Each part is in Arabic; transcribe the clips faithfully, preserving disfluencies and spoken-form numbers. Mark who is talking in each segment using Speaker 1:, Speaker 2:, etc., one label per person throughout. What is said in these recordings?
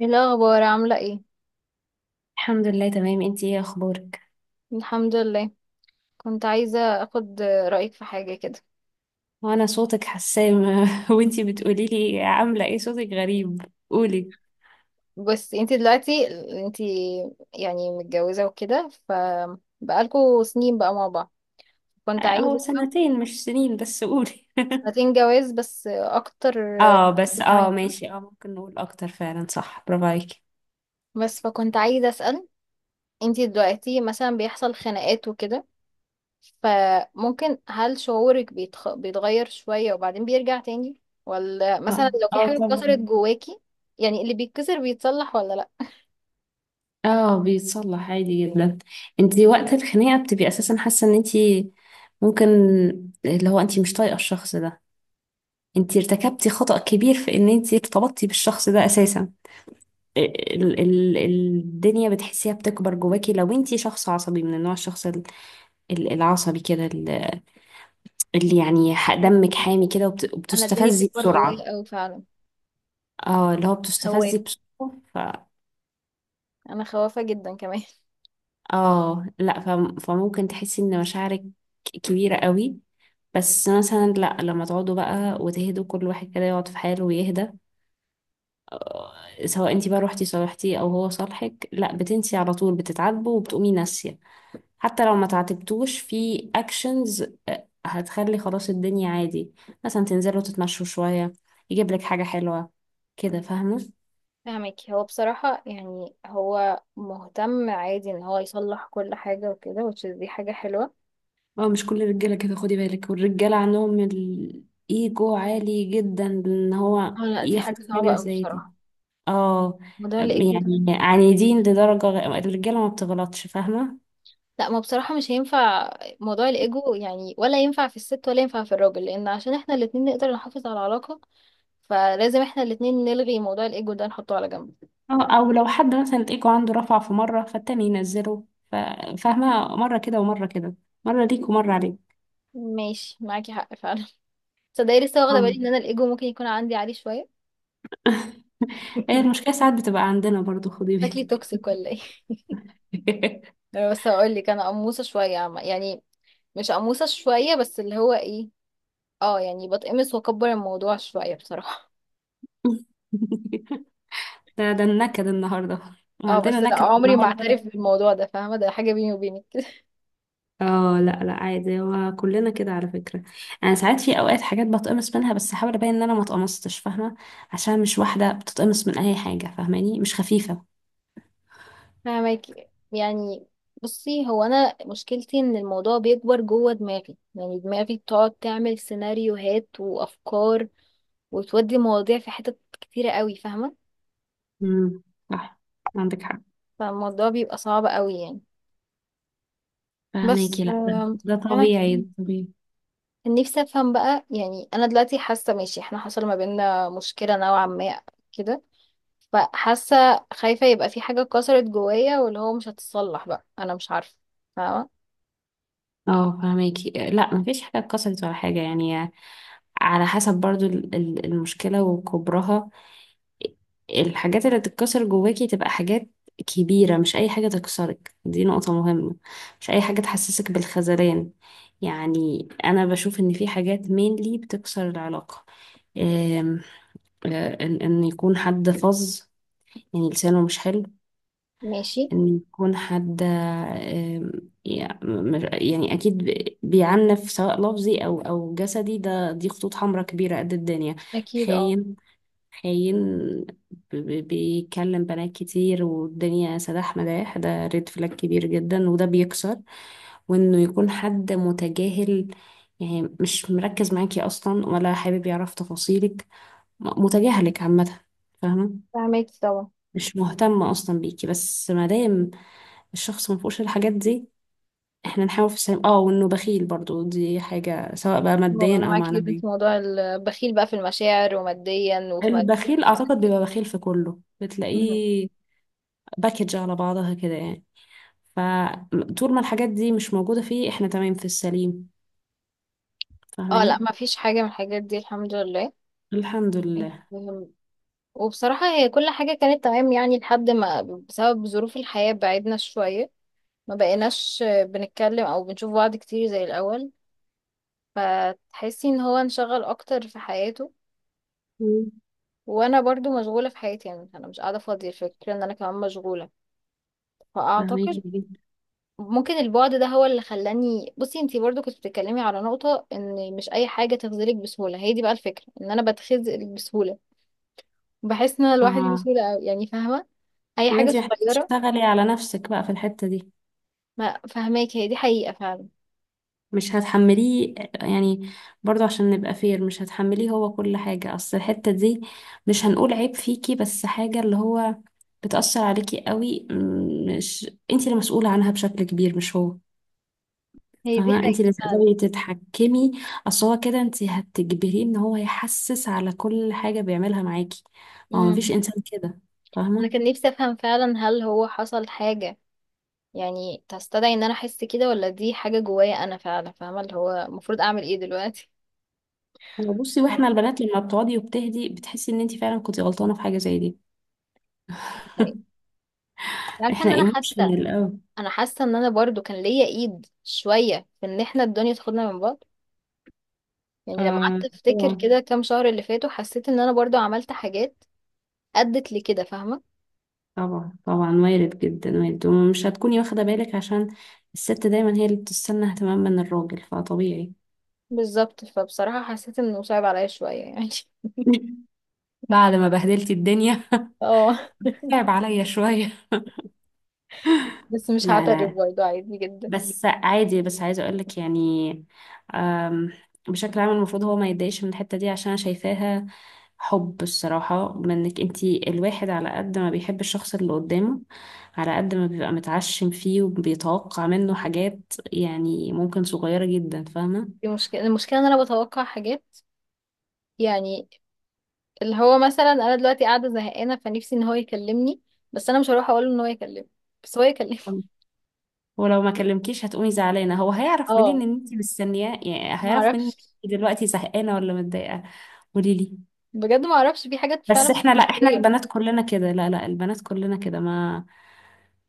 Speaker 1: ايه الاخبار، عامله ايه؟
Speaker 2: الحمد لله، تمام. انتي ايه اخبارك؟
Speaker 1: الحمد لله. كنت عايزه اخد رايك في حاجه كده.
Speaker 2: وانا صوتك حسام. وانتي بتقولي لي عامله ايه؟ صوتك غريب. قولي.
Speaker 1: بس انتي دلوقتي انتي يعني متجوزه وكده، ف بقالكوا سنين بقى مع بعض. كنت
Speaker 2: اه، هو
Speaker 1: عايزه افهم.
Speaker 2: سنتين مش سنين، بس قولي.
Speaker 1: سنتين جواز بس اكتر
Speaker 2: اه، بس
Speaker 1: كمان.
Speaker 2: اه ماشي، اه ممكن نقول اكتر فعلا. صح، برافو عليكي.
Speaker 1: بس فكنت عايزه اسال، انتي دلوقتي مثلا بيحصل خناقات وكده، فممكن هل شعورك بيتخ... بيتغير شويه وبعدين بيرجع تاني؟ ولا مثلا
Speaker 2: اه،
Speaker 1: لو في
Speaker 2: اه،
Speaker 1: حاجه اتكسرت
Speaker 2: طبعا.
Speaker 1: جواكي؟ يعني اللي بيتكسر بيتصلح ولا لا؟
Speaker 2: اه، بيتصلح عادي جدا. انتي وقت الخناقه بتبقي اساسا حاسه ان انتي، ممكن، اللي هو انتي مش طايقه الشخص ده. انتي ارتكبتي خطأ كبير في ان انتي ارتبطتي بالشخص ده اساسا. ال- ال- الدنيا بتحسيها بتكبر جواكي، لو انتي شخص عصبي من النوع، الشخص ال- ال- العصبي كده، ال- اللي يعني ح- دمك حامي كده، وبت-
Speaker 1: انا الدنيا
Speaker 2: وبتستفزي
Speaker 1: بتكبر
Speaker 2: بسرعة.
Speaker 1: جوايا قوي فعلا.
Speaker 2: اه، اللي هو بتستفزي
Speaker 1: خوافة.
Speaker 2: بسرعة، ف
Speaker 1: انا خوافة جدا كمان.
Speaker 2: اه، لا، فم- فممكن تحسي ان مشاعرك كبيرة قوي. بس مثلا، لا، لما تقعدوا بقى وتهدوا، كل واحد كده يقعد في حاله ويهدى. آه، سواء انتي بقى روحتي صالحتيه او هو صالحك، لا، بتنسي على طول، بتتعاتبوا وبتقومي ناسية. حتى لو ما تعاتبتوش في اكشنز، هتخلي خلاص الدنيا عادي. مثلا تنزلوا تتمشوا شوية، يجيب لك حاجة حلوة كده، فاهمة؟
Speaker 1: فاهمك، هو بصراحة يعني هو مهتم عادي ان هو يصلح كل حاجة وكده which is دي حاجة حلوة.
Speaker 2: اه، مش كل الرجالة كده، خدي بالك، والرجالة عندهم الايجو عالي جدا، ان هو
Speaker 1: اه لا، دي
Speaker 2: ياخد
Speaker 1: حاجة صعبة
Speaker 2: حاجة
Speaker 1: قوي
Speaker 2: زي دي.
Speaker 1: بصراحة.
Speaker 2: اه،
Speaker 1: موضوع الايجو ده.
Speaker 2: يعني عنيدين لدرجة، غ- الرجالة ما بتغلطش، فاهمة؟
Speaker 1: لا، ما بصراحة مش هينفع. موضوع الايجو يعني ولا ينفع في الست ولا ينفع في الراجل، لان عشان احنا الاتنين نقدر نحافظ على العلاقة. فلازم احنا الاتنين نلغي موضوع الايجو ده، نحطه على جنب.
Speaker 2: أو, أو لو حد مثلا الإيجو عنده رفع في مرة، فالتاني ينزله. ف- فاهمة، مرة كده ومرة كده، مرة ليك ومرة عليك.
Speaker 1: ماشي، معاكي حق فعلا. تصدقي لسه واخدة بالي
Speaker 2: اه.
Speaker 1: ان انا الايجو ممكن يكون عندي عالي شوية.
Speaker 2: هي المشكلة ساعات بتبقى عندنا برضو، خدي
Speaker 1: شكلي توكسيك ولا ايه؟
Speaker 2: بالك.
Speaker 1: بس هقول لك، انا قموصه شويه عم- يعني، مش قموصه شويه بس اللي هو ايه. اه يعني بتقمص واكبر الموضوع شويه بصراحه.
Speaker 2: ده ده النكد النهاردة.
Speaker 1: اه
Speaker 2: عندنا
Speaker 1: بس لا،
Speaker 2: نكد
Speaker 1: عمري ما
Speaker 2: النهاردة.
Speaker 1: اعترف بالموضوع ده، فاهمه، ده حاجه بيني وبينك، كده.
Speaker 2: اه، لا، لا، عادي، هو كلنا كده على فكرة. انا ساعات في اوقات حاجات بتقمص منها، بس احاول ابين ان انا ما اتقمصتش، فاهمة؟ عشان مش واحدة بتتقمص من اي حاجة. فاهماني، مش خفيفة.
Speaker 1: فاهمك، يعني بصي هو انا مشكلتي ان الموضوع بيكبر جوه دماغي، يعني دماغي بتقعد تعمل سيناريوهات وافكار، وتودي مواضيع في حتت كتيره قوي، فاهمه.
Speaker 2: امم صح، عندك حق.
Speaker 1: فالموضوع بيبقى صعب قوي يعني. بس
Speaker 2: فاهماكي، لا، ده,
Speaker 1: آم،
Speaker 2: ده
Speaker 1: انا
Speaker 2: طبيعي، ده طبيعي.
Speaker 1: نفسي افهم بقى، يعني انا دلوقتي حاسه، ماشي، احنا حصل ما بيننا مشكله نوعا ما كده. فحاسه خايفه يبقى في حاجه اتكسرت جوايا واللي هو مش هتتصلح بقى، انا مش عارفه، فاهمه.
Speaker 2: اه، فاهماكي، لا، مفيش حاجة اتكسرت ولا حاجة يعني. على حسب برضو ال- ال- المشكلة وكبرها، الحاجات اللي تتكسر جواكي تبقى حاجات كبيرة. مش أي حاجة تكسرك، دي نقطة مهمة. مش أي حاجة تحسسك بالخذلان. يعني أنا بشوف إن في حاجات mainly بتكسر العلاقة. أم، آه، إن إن يكون حد فظ، يعني لسانه مش حلو.
Speaker 1: ماشي.
Speaker 2: إن يكون حد، أم، يع- م- يعني أكيد بي- بيعنف، سواء لفظي أو أو جسدي، ده دي خطوط حمراء كبيرة قد الدنيا.
Speaker 1: اكيد، اه.
Speaker 2: خاين، خاين. ب- ب- بيكلم بنات كتير، والدنيا سداح مداح، ده ريد فلاج كبير جدا، وده بيكسر. وانه يكون حد متجاهل، يعني مش مركز معاكي اصلا ولا حابب يعرف تفاصيلك، م- متجاهلك عامة، فاهمة؟
Speaker 1: فاهمك طبعا.
Speaker 2: مش مهتم اصلا بيكي. بس ما دام الشخص ما فيهوش الحاجات دي، احنا نحاول في السلام. اه، وانه بخيل برضو دي حاجة، سواء بقى
Speaker 1: هو انا
Speaker 2: ماديا او
Speaker 1: معاكي جدا
Speaker 2: معنويا،
Speaker 1: في موضوع البخيل بقى، في المشاعر وماديا وفي ماديا.
Speaker 2: البخيل اعتقد بيبقى بخيل في كله،
Speaker 1: مم.
Speaker 2: بتلاقيه باكج على بعضها كده يعني. فطول ما الحاجات دي مش موجودة فيه، احنا تمام في السليم،
Speaker 1: اه لا،
Speaker 2: فاهماني؟
Speaker 1: ما فيش حاجه من الحاجات دي، الحمد لله.
Speaker 2: الحمد لله.
Speaker 1: مم. وبصراحه هي كل حاجه كانت تمام يعني، لحد ما بسبب ظروف الحياه بعدنا شويه، ما بقيناش بنتكلم او بنشوف بعض كتير زي الاول. فتحسي ان هو انشغل اكتر في حياته.
Speaker 2: مم.
Speaker 1: وانا برضو مشغولة في حياتي، يعني انا مش قاعدة فاضية، الفكرة ان انا كمان مشغولة. فاعتقد
Speaker 2: فاهميكي جدا.
Speaker 1: ممكن البعد ده هو اللي خلاني. بصي، انتي برضو كنت بتتكلمي على نقطة ان مش اي حاجة تخذلك بسهولة، هي دي بقى الفكرة، ان انا بتخذل بسهولة. بحس ان انا لوحدي
Speaker 2: اه،
Speaker 1: بسهولة أوي يعني، فاهمة. اي
Speaker 2: يبقى
Speaker 1: حاجة
Speaker 2: انت محتاجة
Speaker 1: صغيرة.
Speaker 2: تشتغلي على نفسك بقى في الحتة دي،
Speaker 1: ما، فاهماك، هي دي حقيقة فعلا.
Speaker 2: مش هتحمليه يعني. برضو عشان نبقى فير، مش هتحمليه هو كل حاجة، اصل الحتة دي، مش هنقول عيب فيكي، بس حاجة اللي هو بتأثر عليكي قوي، مم، مش انت المسؤولة عنها بشكل كبير، مش هو،
Speaker 1: هي دي
Speaker 2: فاهمة؟ انت
Speaker 1: حقيقة
Speaker 2: اللي
Speaker 1: فعلا.
Speaker 2: تقدري تتحكمي، اصل هو كده انت هتجبريه ان هو يحسس على كل حاجة بيعملها معاكي، هو مفيش
Speaker 1: امم
Speaker 2: انسان كده،
Speaker 1: انا
Speaker 2: فاهمة؟
Speaker 1: كان نفسي افهم فعلا، هل هو حصل حاجة يعني تستدعي ان انا احس كده، ولا دي حاجة جوايا انا فعلا؟ فاهمة اللي هو المفروض اعمل ايه دلوقتي؟
Speaker 2: هو بصي،
Speaker 1: آه.
Speaker 2: واحنا البنات لما بتقعدي وبتهدي بتحسي ان انت فعلا كنتي غلطانة في حاجة زي دي.
Speaker 1: طيب. عارفة
Speaker 2: احنا
Speaker 1: ان انا حاسة.
Speaker 2: ايموشنال قوي.
Speaker 1: انا حاسة ان انا برضو كان ليا ايد شوية في ان احنا الدنيا تاخدنا من بعض. يعني لما قعدت
Speaker 2: آه،
Speaker 1: افتكر
Speaker 2: طبعا،
Speaker 1: كده كام شهر اللي فاتوا، حسيت ان انا برضو عملت حاجات ادت لكده، فاهمة.
Speaker 2: طبعا، طبعا، وارد جدا، وارد، ومش هتكوني واخدة بالك عشان الست دايما هي اللي بتستنى اهتمام من الراجل، فطبيعي.
Speaker 1: بالظبط، فبصراحة حسيت انه صعب عليا شوية يعني.
Speaker 2: بعد ما بهدلتي الدنيا.
Speaker 1: اه
Speaker 2: تعب عليا شوية.
Speaker 1: بس مش
Speaker 2: لا،
Speaker 1: هعترف،
Speaker 2: لا،
Speaker 1: برضو عادي جدا.
Speaker 2: بس عادي، بس عايزة أقولك يعني، أم، بشكل عام المفروض هو ما يتضايقش من الحتة دي، عشان أنا شايفاها حب الصراحة منك. انتي الواحد على قد ما بيحب الشخص اللي قدامه، على قد ما بيبقى متعشم فيه وبيتوقع منه حاجات، يعني ممكن صغيرة جدا، فاهمة؟
Speaker 1: دي مشكلة المشكلة ان انا بتوقع حاجات، يعني اللي هو مثلا انا دلوقتي قاعده زهقانه، فنفسي ان هو يكلمني. بس انا مش هروح اقول له ان هو يكلمني، بس هو يكلمني.
Speaker 2: أم. ولو ما كلمكيش هتقومي زعلانة. هو هيعرف
Speaker 1: اه،
Speaker 2: منين ان انتي مستنياه؟ يعني
Speaker 1: ما
Speaker 2: هيعرف منين؟
Speaker 1: اعرفش.
Speaker 2: إنتي دلوقتي زهقانة ولا متضايقة؟ قوليلي.
Speaker 1: بجد ما اعرفش، في حاجات فعلا
Speaker 2: بس
Speaker 1: مش
Speaker 2: احنا، لا، احنا
Speaker 1: منطقيه.
Speaker 2: البنات كلنا كده، لا، لا، البنات كلنا كده، ما،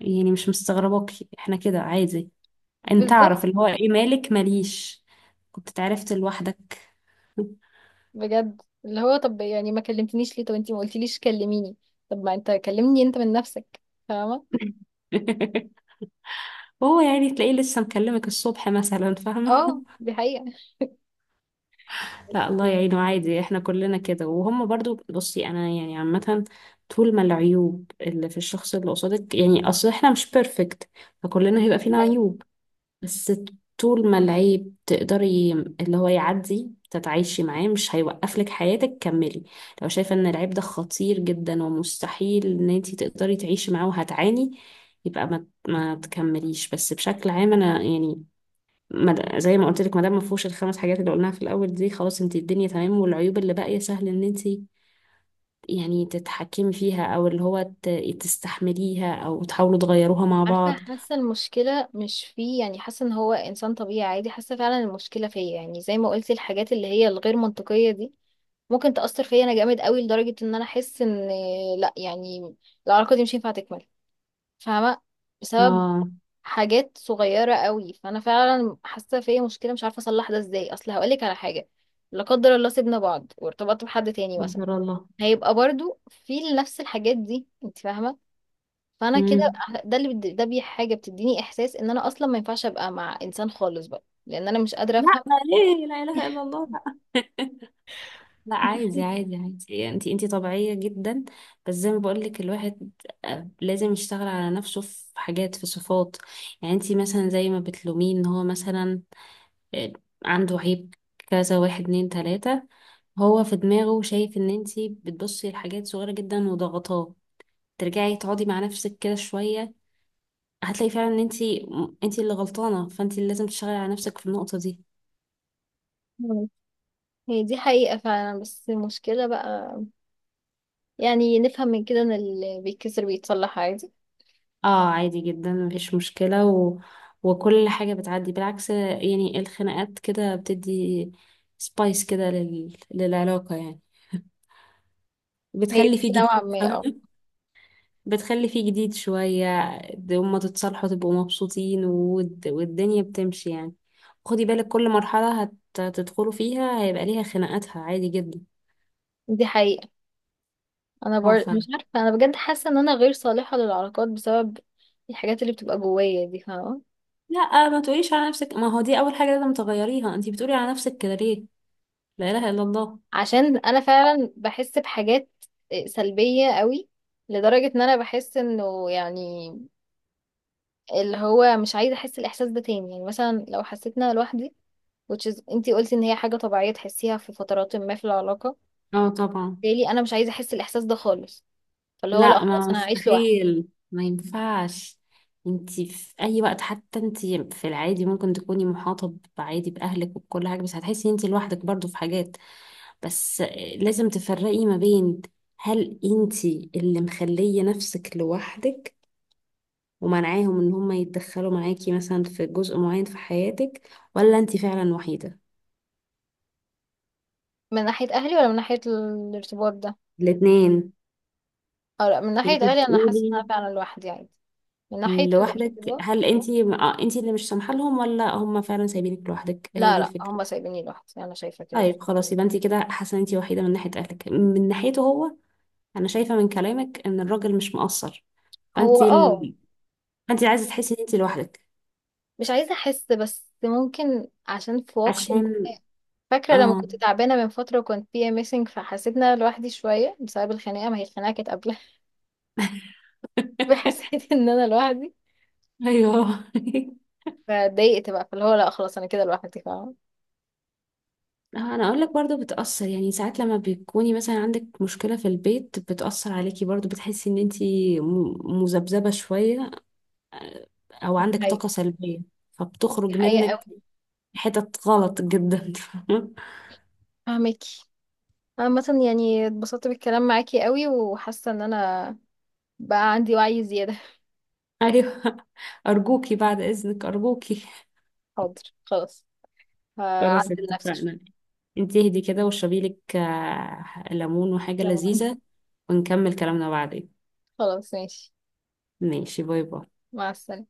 Speaker 2: يعني مش مستغرباكي، احنا كده عادي. انت
Speaker 1: بالظبط.
Speaker 2: تعرف اللي هو ايه، مالك ماليش، كنت اتعرفت لوحدك.
Speaker 1: بجد اللي هو، طب يعني ما كلمتنيش ليه؟ طب انتي ما قلتيليش كلميني. طب ما انت كلمني انت من نفسك. فاهمه.
Speaker 2: هو يعني تلاقيه لسه مكلمك الصبح مثلا، فاهمة؟
Speaker 1: اه دي حقيقه.
Speaker 2: لا، الله
Speaker 1: بس-
Speaker 2: يعينه، عادي، احنا كلنا كده وهم برضو. بصي، انا يعني عامة، طول ما العيوب اللي في الشخص اللي قصادك، يعني اصل احنا مش بيرفكت، فكلنا هيبقى فينا
Speaker 1: أيوة.
Speaker 2: عيوب. بس طول ما العيب تقدري اللي هو يعدي، تتعايشي معاه، مش هيوقف لك حياتك، كملي. لو شايفة ان العيب ده خطير جدا ومستحيل ان انتي تقدري تعيشي معاه وهتعاني، يبقى ما ما تكمليش. بس بشكل عام انا يعني، ما- زي ما قلت لك، ما دام ما فيهوش الخمس حاجات اللي قلناها في الاول دي، خلاص انتي الدنيا تمام، والعيوب اللي باقية سهل ان انتي يعني تتحكمي فيها، او اللي هو ت- تستحمليها، او تحاولوا تغيروها مع
Speaker 1: عارفه،
Speaker 2: بعض.
Speaker 1: حاسه المشكله مش فيه، يعني حاسه ان هو انسان طبيعي عادي، حاسه فعلا المشكله فيا، يعني زي ما قلتي الحاجات اللي هي الغير منطقيه دي ممكن تأثر فيا انا جامد قوي، لدرجة ان انا احس ان، لا يعني، العلاقة دي مش هينفع تكمل. فاهمة. بسبب
Speaker 2: اه،
Speaker 1: حاجات صغيرة قوي، فانا فعلا حاسة فيا مشكلة، مش عارفة اصلح ده ازاي. اصل هقولك على حاجة، لا قدر الله سيبنا بعض وارتبطت بحد تاني مثلا،
Speaker 2: قدر
Speaker 1: هيبقى برضو في نفس الحاجات دي، انت فاهمة. فانا كده،
Speaker 2: الله.
Speaker 1: ده اللي بد- ده بي حاجة بتديني احساس ان انا اصلا ما ينفعش ابقى مع انسان خالص بقى، لان انا مش قادرة
Speaker 2: لا،
Speaker 1: افهم.
Speaker 2: ليه؟ لا اله الا الله. لا. لا، عادي، عادي، عادي، انت انت طبيعيه جدا. بس زي ما بقول لك الواحد، آه، لازم يشتغل على نفسه في حاجات، في صفات. يعني انت مثلا زي ما بتلوميه ان هو مثلا، آه، عنده عيب كذا، واحد، اتنين، تلاته، هو في دماغه شايف ان انت بتبصي لحاجات صغيره جدا وضغطاه. ترجعي تقعدي مع نفسك كده شويه، هتلاقي فعلا ان انت انت اللي غلطانه، فانت اللي لازم تشتغلي على نفسك في النقطه دي.
Speaker 1: هي دي حقيقة فعلا، بس المشكلة بقى، يعني نفهم من كده ان اللي بيتكسر بيتصلح عادي؟
Speaker 2: اه، عادي جدا مفيش مشكلة و... وكل حاجة بتعدي، بالعكس يعني، الخناقات كده بتدي سبايس كده لل... للعلاقة يعني،
Speaker 1: هي
Speaker 2: بتخلي
Speaker 1: دي
Speaker 2: فيه جديد،
Speaker 1: نوعا ما اه.
Speaker 2: فاهمة؟ بتخلي فيه جديد شوية. د- هما تتصالحوا تبقوا مبسوطين، والد... والدنيا بتمشي يعني. خدي بالك كل مرحلة هت... هتدخلوا فيها هيبقى ليها خناقاتها، عادي جدا.
Speaker 1: دي حقيقة. انا
Speaker 2: اه
Speaker 1: بر...
Speaker 2: فعلا.
Speaker 1: مش عارفة، انا بجد حاسة ان انا غير صالحة للعلاقات بسبب الحاجات اللي بتبقى جوايا دي، فاهمة.
Speaker 2: لا، ما تقوليش على نفسك، ما هو دي أول حاجة لازم تغيريها، انتي بتقولي على نفسك كده ليه؟ لا إله إلا الله.
Speaker 1: عشان انا فعلا بحس بحاجات آه، سلبية قوي، لدرجة ان انا بحس انه يعني، اللي هو مش عايزة احس الاحساس ده تاني. يعني مثلا لو حسيت ان انا لوحدي، which is انتي قلتي ان هي حاجة طبيعية تحسيها في فترات ما في العلاقة،
Speaker 2: اه، طبعا.
Speaker 1: بالتالي انا مش عايزة احس الاحساس ده خالص. فاللي هو لا،
Speaker 2: لا،
Speaker 1: خلاص
Speaker 2: ما،
Speaker 1: انا هعيش لوحدي.
Speaker 2: مستحيل، ما ينفعش. انتي في اي وقت، حتى انتي في العادي ممكن تكوني محاطة عادي باهلك وبكل حاجة، بس هتحسي انتي لوحدك برضو في حاجات. بس لازم تفرقي ما بين هل انتي اللي مخلية نفسك لوحدك ومنعاهم ان هما يتدخلوا معاكي مثلا في جزء معين في حياتك، ولا انتي فعلا وحيدة؟
Speaker 1: من ناحية أهلي ولا من ناحية الارتباط ده؟
Speaker 2: الاتنين.
Speaker 1: أو لا، من
Speaker 2: يعني
Speaker 1: ناحية
Speaker 2: انتي
Speaker 1: أهلي أنا حاسة إن أنا
Speaker 2: بتقولي
Speaker 1: فعلا لوحدي عادي. من ناحية
Speaker 2: لوحدك،
Speaker 1: الارتباط.
Speaker 2: هل انتي، اه انتي اللي مش سامحة لهم، ولا هم فعلا سايبينك لوحدك؟ هي
Speaker 1: لا،
Speaker 2: دي
Speaker 1: لا،
Speaker 2: الفكرة.
Speaker 1: هما سايبيني لوحدي، أنا شايفة كده بس.
Speaker 2: طيب خلاص، يبقى انت كده حاسه ان انت وحيده من ناحيه اهلك، من ناحيته هو، انا شايفه من كلامك ان الراجل مش مقصر،
Speaker 1: هو
Speaker 2: فانت
Speaker 1: اه.
Speaker 2: ال... فانت عايزه تحسي ان انت لوحدك،
Speaker 1: مش عايزة أحس، بس ممكن عشان في وقت
Speaker 2: عشان...
Speaker 1: فاكرة لما
Speaker 2: اه.
Speaker 1: كنت تعبانة من فترة وكنت فيها ميسنج، فحسيت إن أنا لوحدي شوية بسبب الخناقة، ما هي الخناقة كانت قبلها. فحسيت إن أنا لوحدي.
Speaker 2: ايوه.
Speaker 1: فاتضايقت بقى، فاللي هو لا خلاص أنا كده لوحدي، فاهمة.
Speaker 2: انا اقول لك، برضو بتاثر يعني، ساعات لما بتكوني مثلا عندك مشكله في البيت بتاثر عليكي برضو، بتحسي ان انت م- مذبذبه شويه، آه، او
Speaker 1: دي
Speaker 2: عندك
Speaker 1: حقيقة.
Speaker 2: طاقه سلبيه،
Speaker 1: دي
Speaker 2: فبتخرج
Speaker 1: حقيقة
Speaker 2: منك
Speaker 1: أوي.
Speaker 2: حتت غلط جدا. فاهمة؟
Speaker 1: فاهمكي. عامة يعني اتبسطت بالكلام معاكي قوي، وحاسة إن أنا بقى عندي وعي زيادة.
Speaker 2: ايوه. ارجوكي بعد اذنك، ارجوكي.
Speaker 1: حاضر، خلاص.
Speaker 2: خلاص
Speaker 1: هعدل نفسي
Speaker 2: اتفقنا.
Speaker 1: شوية.
Speaker 2: انت اهدي كده، واشربي لك آه، ليمون وحاجة
Speaker 1: لما.
Speaker 2: لذيذة، ونكمل كلامنا بعدين.
Speaker 1: خلاص ماشي.
Speaker 2: ماشي، باي باي.
Speaker 1: مع السلامة.